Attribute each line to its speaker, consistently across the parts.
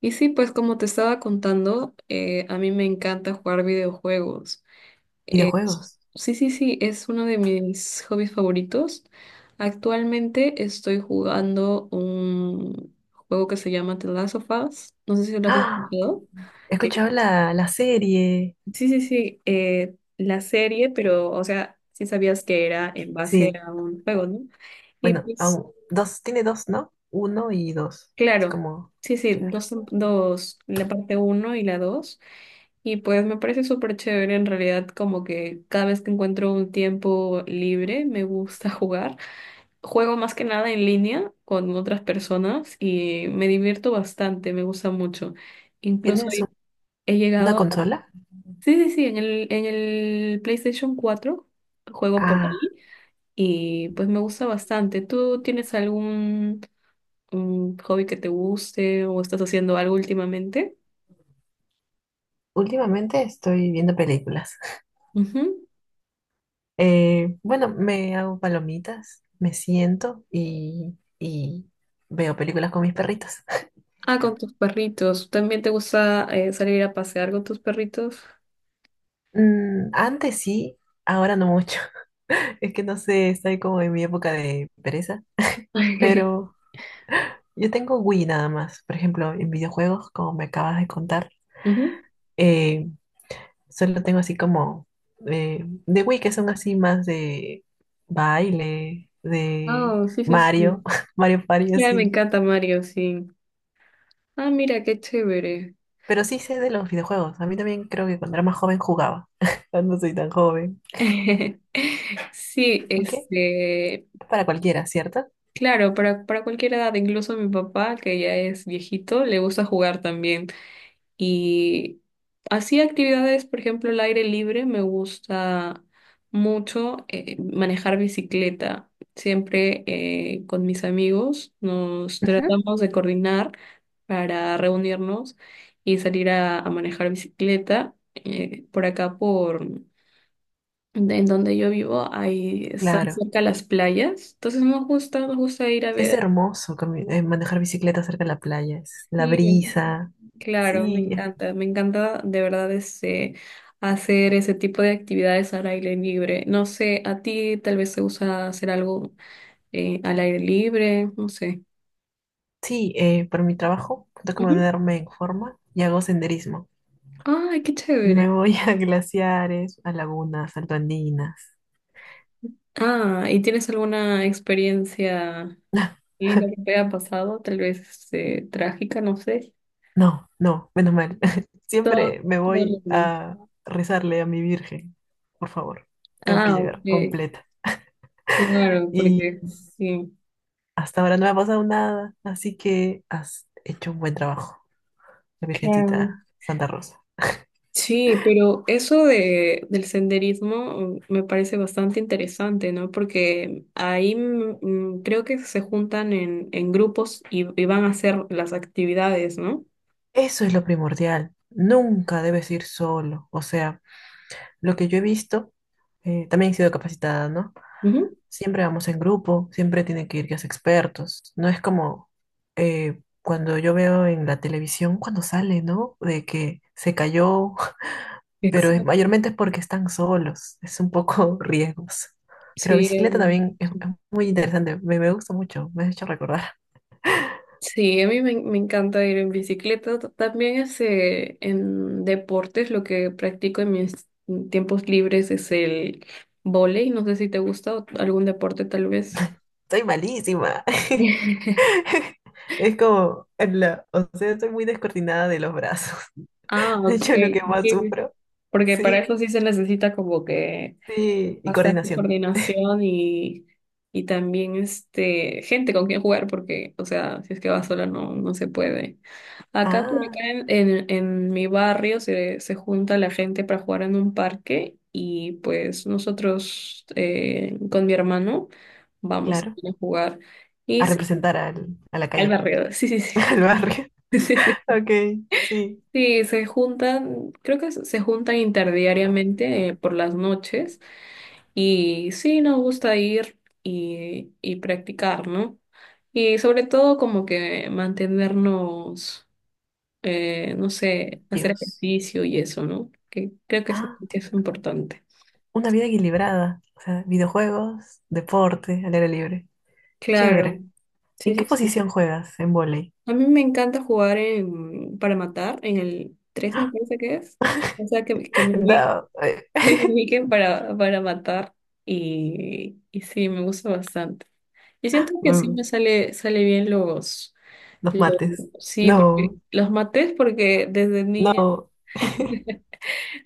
Speaker 1: Y sí, pues como te estaba contando, a mí me encanta jugar videojuegos.
Speaker 2: Videojuegos.
Speaker 1: Sí, sí, sí, es uno de mis hobbies favoritos. Actualmente estoy jugando un juego que se llama The Last of Us. No sé si lo has
Speaker 2: ¡Ah!
Speaker 1: escuchado.
Speaker 2: He
Speaker 1: Que,
Speaker 2: escuchado la, la serie.
Speaker 1: sí, sí, sí, la serie, pero, o sea, sí sabías que era en base
Speaker 2: Sí,
Speaker 1: a un juego, ¿no? Y
Speaker 2: bueno,
Speaker 1: pues,
Speaker 2: dos, tiene dos, ¿no? Uno y dos. Es
Speaker 1: claro,
Speaker 2: como,
Speaker 1: sí, sí,
Speaker 2: claro.
Speaker 1: dos, dos, la parte uno y la dos. Y pues me parece súper chévere en realidad, como que cada vez que encuentro un tiempo libre me gusta jugar. Juego más que nada en línea con otras personas y me divierto bastante, me gusta mucho. Incluso
Speaker 2: ¿Tienes
Speaker 1: he he
Speaker 2: una
Speaker 1: llegado,
Speaker 2: consola?
Speaker 1: sí, sí, sí, en el PlayStation 4 juego por
Speaker 2: Ah,
Speaker 1: ahí, y pues me gusta bastante. ¿Tú tienes algún hobby que te guste o estás haciendo algo últimamente?
Speaker 2: últimamente estoy viendo películas.
Speaker 1: Ujú.
Speaker 2: Bueno, me hago palomitas, me siento y veo películas con mis perritos.
Speaker 1: Ah, con tus perritos. ¿También te gusta salir a pasear con tus perritos?
Speaker 2: Mm, antes sí, ahora no mucho. Es que no sé, estoy como en mi época de pereza, pero... Yo tengo Wii nada más. Por ejemplo, en videojuegos, como me acabas de contar,
Speaker 1: Ujú.
Speaker 2: eh, solo tengo así como eh, de Wii, que son así más de baile, de
Speaker 1: Oh, sí, sí,
Speaker 2: Mario,
Speaker 1: sí.
Speaker 2: Mario Party,
Speaker 1: Ya, me
Speaker 2: así.
Speaker 1: encanta Mario, sí. Ah, mira, qué chévere.
Speaker 2: Pero sí sé de los videojuegos. A mí también creo que cuando era más joven jugaba. No soy tan joven.
Speaker 1: Sí,
Speaker 2: ¿Ok?
Speaker 1: este,
Speaker 2: Para cualquiera, ¿cierto?
Speaker 1: claro, para cualquier edad, incluso mi papá, que ya es viejito, le gusta jugar también. Y así actividades, por ejemplo, el aire libre, me gusta mucho manejar bicicleta. Siempre con mis amigos nos
Speaker 2: Ujú.
Speaker 1: tratamos de coordinar para reunirnos y salir a manejar bicicleta. Por acá, por en donde yo vivo, ahí están
Speaker 2: Claro.
Speaker 1: cerca las playas. Entonces nos gusta ir a
Speaker 2: Es
Speaker 1: ver.
Speaker 2: hermoso manejar bicicleta cerca de la playa. Es la brisa.
Speaker 1: Claro,
Speaker 2: Sí.
Speaker 1: me encanta de verdad ese, hacer ese tipo de actividades al aire libre. No sé, a ti tal vez te gusta hacer algo al aire libre, no sé.
Speaker 2: Sí, por mi trabajo tengo que
Speaker 1: Ujú.
Speaker 2: ponerme en forma y hago senderismo.
Speaker 1: Ay, qué
Speaker 2: Me
Speaker 1: chévere.
Speaker 2: voy a glaciares, a lagunas, altoandinas.
Speaker 1: Ah, ¿y tienes alguna experiencia linda que te haya pasado, tal vez este, trágica, no sé?
Speaker 2: No, no, menos mal.
Speaker 1: Todo,
Speaker 2: Siempre me
Speaker 1: todo
Speaker 2: voy
Speaker 1: lindo.
Speaker 2: a rezarle a mi Virgen. Por favor, tengo que
Speaker 1: Ah,
Speaker 2: llegar
Speaker 1: ok,
Speaker 2: completa.
Speaker 1: claro,
Speaker 2: Y
Speaker 1: porque sí.
Speaker 2: hasta ahora no me ha pasado nada, así que has hecho un buen trabajo, la
Speaker 1: Claro.
Speaker 2: Virgencita Santa Rosa.
Speaker 1: Sí, pero eso de, del senderismo me parece bastante interesante, ¿no? Porque ahí creo que se juntan en grupos y van a hacer las actividades, ¿no?
Speaker 2: Eso es lo primordial. Nunca debes ir solo. O sea, lo que yo he visto, también he sido capacitada, ¿no?
Speaker 1: Ujú.
Speaker 2: Siempre vamos en grupo, siempre tiene que ir guías expertos. No es como cuando yo veo en la televisión, cuando sale, ¿no? De que se cayó, pero
Speaker 1: Exacto.
Speaker 2: mayormente es porque están solos, es un poco riesgos. Pero
Speaker 1: Sí,
Speaker 2: bicicleta también es muy interesante, me gusta mucho, me has hecho recordar.
Speaker 1: sí, a mí me, me encanta ir en bicicleta. También es, en deportes, lo que practico en mis tiempos libres es el vóley. No sé si te gusta o algún deporte tal vez.
Speaker 2: Soy malísima. Es como, o sea, soy muy descoordinada de los brazos.
Speaker 1: Ah,
Speaker 2: De
Speaker 1: ok.
Speaker 2: hecho, lo que más
Speaker 1: Sí.
Speaker 2: sufro,
Speaker 1: Porque para
Speaker 2: sí,
Speaker 1: eso sí se necesita como que
Speaker 2: sí, y
Speaker 1: bastante
Speaker 2: coordinación.
Speaker 1: coordinación y también este gente con quien jugar, porque, o sea, si es que vas sola no, no se puede. Acá por
Speaker 2: Ah,
Speaker 1: acá en, en mi barrio se, se junta la gente para jugar en un parque y pues nosotros con mi hermano vamos
Speaker 2: claro.
Speaker 1: a jugar. Y
Speaker 2: A
Speaker 1: sí,
Speaker 2: representar a la
Speaker 1: al
Speaker 2: calle,
Speaker 1: barrio, sí, sí,
Speaker 2: al barrio.
Speaker 1: sí.
Speaker 2: Ok, sí.
Speaker 1: Sí, se juntan, creo que se juntan interdiariamente por las noches y sí, nos gusta ir y practicar, ¿no? Y sobre todo como que mantenernos, no sé, hacer
Speaker 2: Dios.
Speaker 1: ejercicio y eso, ¿no? Que creo
Speaker 2: Ah,
Speaker 1: que es importante.
Speaker 2: una vida equilibrada. O sea, videojuegos, deporte, al aire libre. Qué
Speaker 1: Claro,
Speaker 2: chévere.
Speaker 1: sí,
Speaker 2: ¿En qué
Speaker 1: sí, sí.
Speaker 2: posición juegas en vóley?
Speaker 1: A mí me encanta jugar en, para matar en el 3 me parece que es. O sea, que me,
Speaker 2: No.
Speaker 1: Miken para matar y sí, me gusta bastante. Y siento que sí
Speaker 2: Mm,
Speaker 1: me sale, sale bien
Speaker 2: los
Speaker 1: los-
Speaker 2: mates.
Speaker 1: sí, porque
Speaker 2: No,
Speaker 1: los maté porque
Speaker 2: no.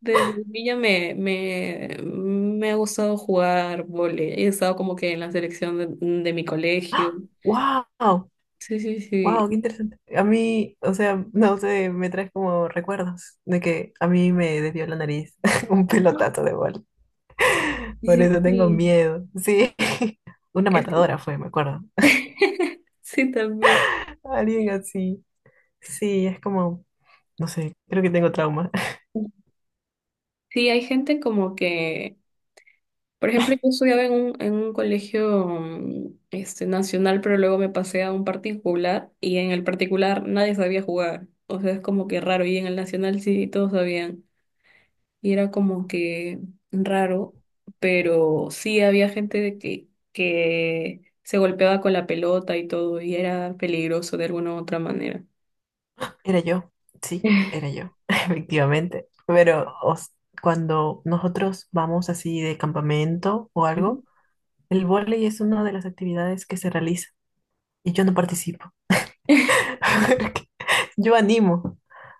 Speaker 1: desde niña me, me, me ha gustado jugar vóley. He estado como que en la selección de mi colegio.
Speaker 2: ¡Wow!
Speaker 1: Sí, sí, sí.
Speaker 2: ¡Wow! ¡Qué interesante! A mí, o sea, no sé, me traes como recuerdos de que a mí me desvió la nariz un
Speaker 1: Ah,
Speaker 2: pelotazo de bola.
Speaker 1: sí,
Speaker 2: Por
Speaker 1: sí,
Speaker 2: eso tengo
Speaker 1: sí.
Speaker 2: miedo. Sí. Una
Speaker 1: Es-
Speaker 2: matadora fue, me acuerdo.
Speaker 1: Sí, también.
Speaker 2: Alguien así. Sí, es como, no sé, creo que tengo trauma.
Speaker 1: Sí, hay gente como que. Por ejemplo, yo estudiaba en un colegio este, nacional, pero luego me pasé a un particular y en el particular nadie sabía jugar. O sea, es como que raro. Y en el nacional sí todos sabían. Y era como que raro, pero sí había gente de que se golpeaba con la pelota y todo, y era peligroso de alguna u otra manera.
Speaker 2: Era yo. Sí, era yo, efectivamente. Pero cuando nosotros vamos así de campamento o
Speaker 1: Ujú.
Speaker 2: algo, el vóley es una de las actividades que se realiza y yo no participo. Porque yo animo,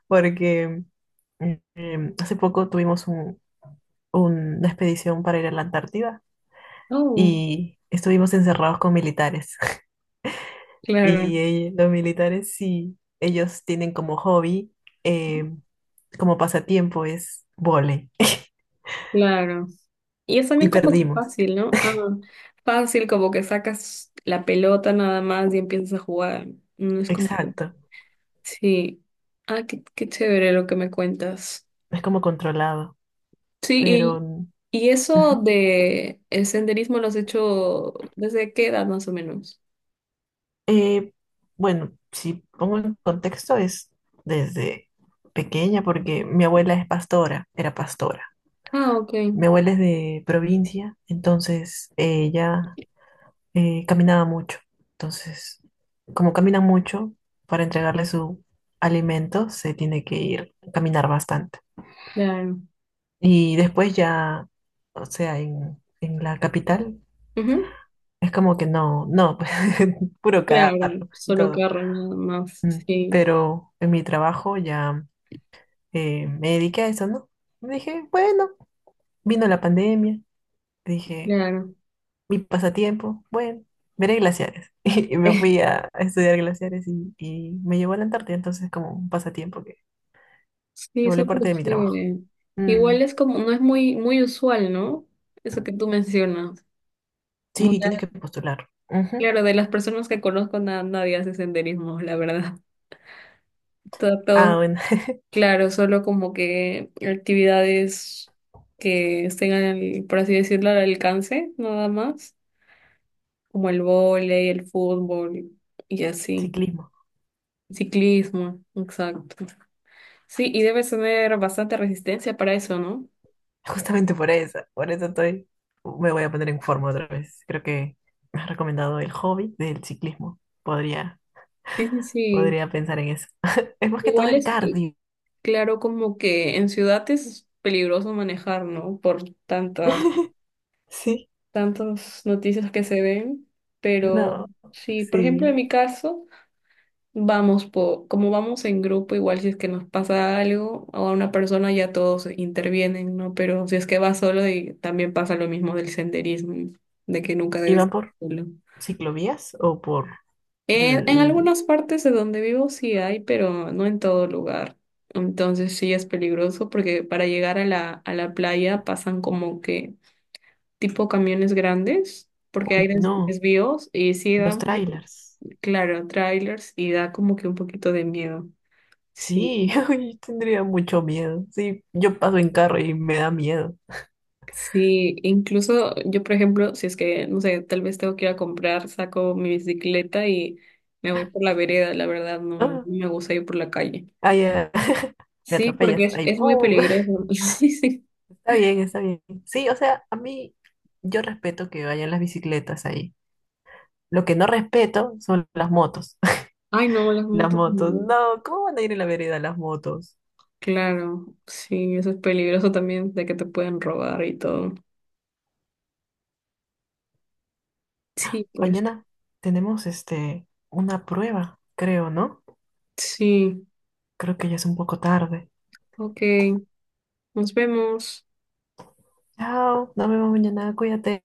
Speaker 2: porque hace poco tuvimos una expedición para ir a la Antártida
Speaker 1: Oh,
Speaker 2: y estuvimos encerrados con militares.
Speaker 1: claro,
Speaker 2: Y los militares sí, ellos tienen como hobby, eh, como pasatiempo es vóley.
Speaker 1: claro. Y es
Speaker 2: Y
Speaker 1: también como que
Speaker 2: perdimos.
Speaker 1: fácil, ¿no? Ah, fácil, como que sacas la pelota nada más y empiezas a jugar. No es como que...
Speaker 2: Exacto.
Speaker 1: Sí. Ah, qué, qué chévere lo que me cuentas.
Speaker 2: Es como controlado.
Speaker 1: Sí,
Speaker 2: Pero
Speaker 1: y eso
Speaker 2: ujú.
Speaker 1: de el senderismo lo has hecho desde qué edad más o menos.
Speaker 2: Eh, bueno, si pongo en contexto es desde pequeña, porque mi abuela es pastora, era pastora.
Speaker 1: Ah, ok,
Speaker 2: Mi abuela es de provincia, entonces ella caminaba mucho. Entonces, como camina mucho, para entregarle su alimento se tiene que ir a caminar bastante.
Speaker 1: claro.
Speaker 2: Y después ya, o sea, en la capital,
Speaker 1: Ujú.
Speaker 2: es como que no, no, pues, puro
Speaker 1: Claro,
Speaker 2: carro y
Speaker 1: solo
Speaker 2: todo.
Speaker 1: carro nada más,
Speaker 2: Mm,
Speaker 1: sí,
Speaker 2: pero en mi trabajo ya me dediqué a eso, ¿no? Dije, bueno, vino la pandemia, dije
Speaker 1: claro.
Speaker 2: mi pasatiempo, bueno, veré glaciares. Y me fui a estudiar glaciares y me llevó a la Antártida, entonces como un pasatiempo que se
Speaker 1: Sí,
Speaker 2: volvió
Speaker 1: súper
Speaker 2: parte de mi trabajo.
Speaker 1: chévere.
Speaker 2: Mm,
Speaker 1: Igual es como, no es muy, muy usual, ¿no? Eso que tú mencionas.
Speaker 2: sí, tienes
Speaker 1: Muchas,
Speaker 2: que postular. Ujú.
Speaker 1: claro, de las personas que conozco, nadie hace senderismo, la verdad. Todo,
Speaker 2: Ah,
Speaker 1: todo,
Speaker 2: bueno,
Speaker 1: claro, solo como que actividades que estén, por así decirlo, al alcance, nada más, como el vóley, el fútbol y así.
Speaker 2: ciclismo.
Speaker 1: Ciclismo, exacto. Sí, y debes tener bastante resistencia para eso, ¿no?
Speaker 2: Justamente por eso estoy, me voy a poner en forma otra vez. Creo que me has recomendado el hobby del ciclismo. Podría,
Speaker 1: Sí, sí, sí.
Speaker 2: podría pensar en eso. Es más que todo
Speaker 1: Igual
Speaker 2: el
Speaker 1: es que,
Speaker 2: cardio.
Speaker 1: claro, como que en ciudad es peligroso manejar, ¿no? Por tantas
Speaker 2: Sí,
Speaker 1: tantas noticias que se ven, pero
Speaker 2: no,
Speaker 1: sí, por ejemplo, en
Speaker 2: sí.
Speaker 1: mi caso, vamos como vamos en grupo, igual si es que nos pasa algo o a una persona ya todos intervienen, ¿no? Pero si es que vas solo y también pasa lo mismo del senderismo, de que nunca debes
Speaker 2: ¿Iban
Speaker 1: ir
Speaker 2: por
Speaker 1: solo.
Speaker 2: ciclovías o por...?
Speaker 1: En
Speaker 2: L-
Speaker 1: algunas partes de donde vivo sí hay, pero no en todo lugar. Entonces sí es peligroso porque para llegar a la playa pasan como que tipo camiones grandes, porque hay
Speaker 2: Uy, no,
Speaker 1: desvíos y sí da
Speaker 2: los
Speaker 1: un poquito,
Speaker 2: trailers.
Speaker 1: claro, trailers y da como que un poquito de miedo. Sí,
Speaker 2: Sí, uy, tendría mucho miedo. Sí, yo paso en carro y me da miedo.
Speaker 1: sí, incluso yo, por ejemplo, si es que, no sé, tal vez tengo que ir a comprar, saco mi bicicleta y me voy por la vereda, la verdad, no, no
Speaker 2: Ah,
Speaker 1: me gusta ir por la calle.
Speaker 2: ay, ah, me
Speaker 1: Sí, porque
Speaker 2: atropellas. Ay,
Speaker 1: es muy
Speaker 2: pum.
Speaker 1: peligroso. Sí, sí.
Speaker 2: Está bien, está bien. Sí, o sea, a mí yo respeto que vayan las bicicletas ahí. Lo que no respeto son las motos.
Speaker 1: Ay, no, las
Speaker 2: Las
Speaker 1: motos.
Speaker 2: motos.
Speaker 1: No.
Speaker 2: No, ¿cómo van a ir en la vereda las motos?
Speaker 1: Claro, sí, eso es peligroso también de que te pueden robar y todo. Sí, pues,
Speaker 2: Mañana tenemos este una prueba, creo, ¿no?
Speaker 1: sí,
Speaker 2: Creo que ya es un poco tarde.
Speaker 1: ok. Nos vemos.
Speaker 2: Chao, nos vemos mañana, cuídate.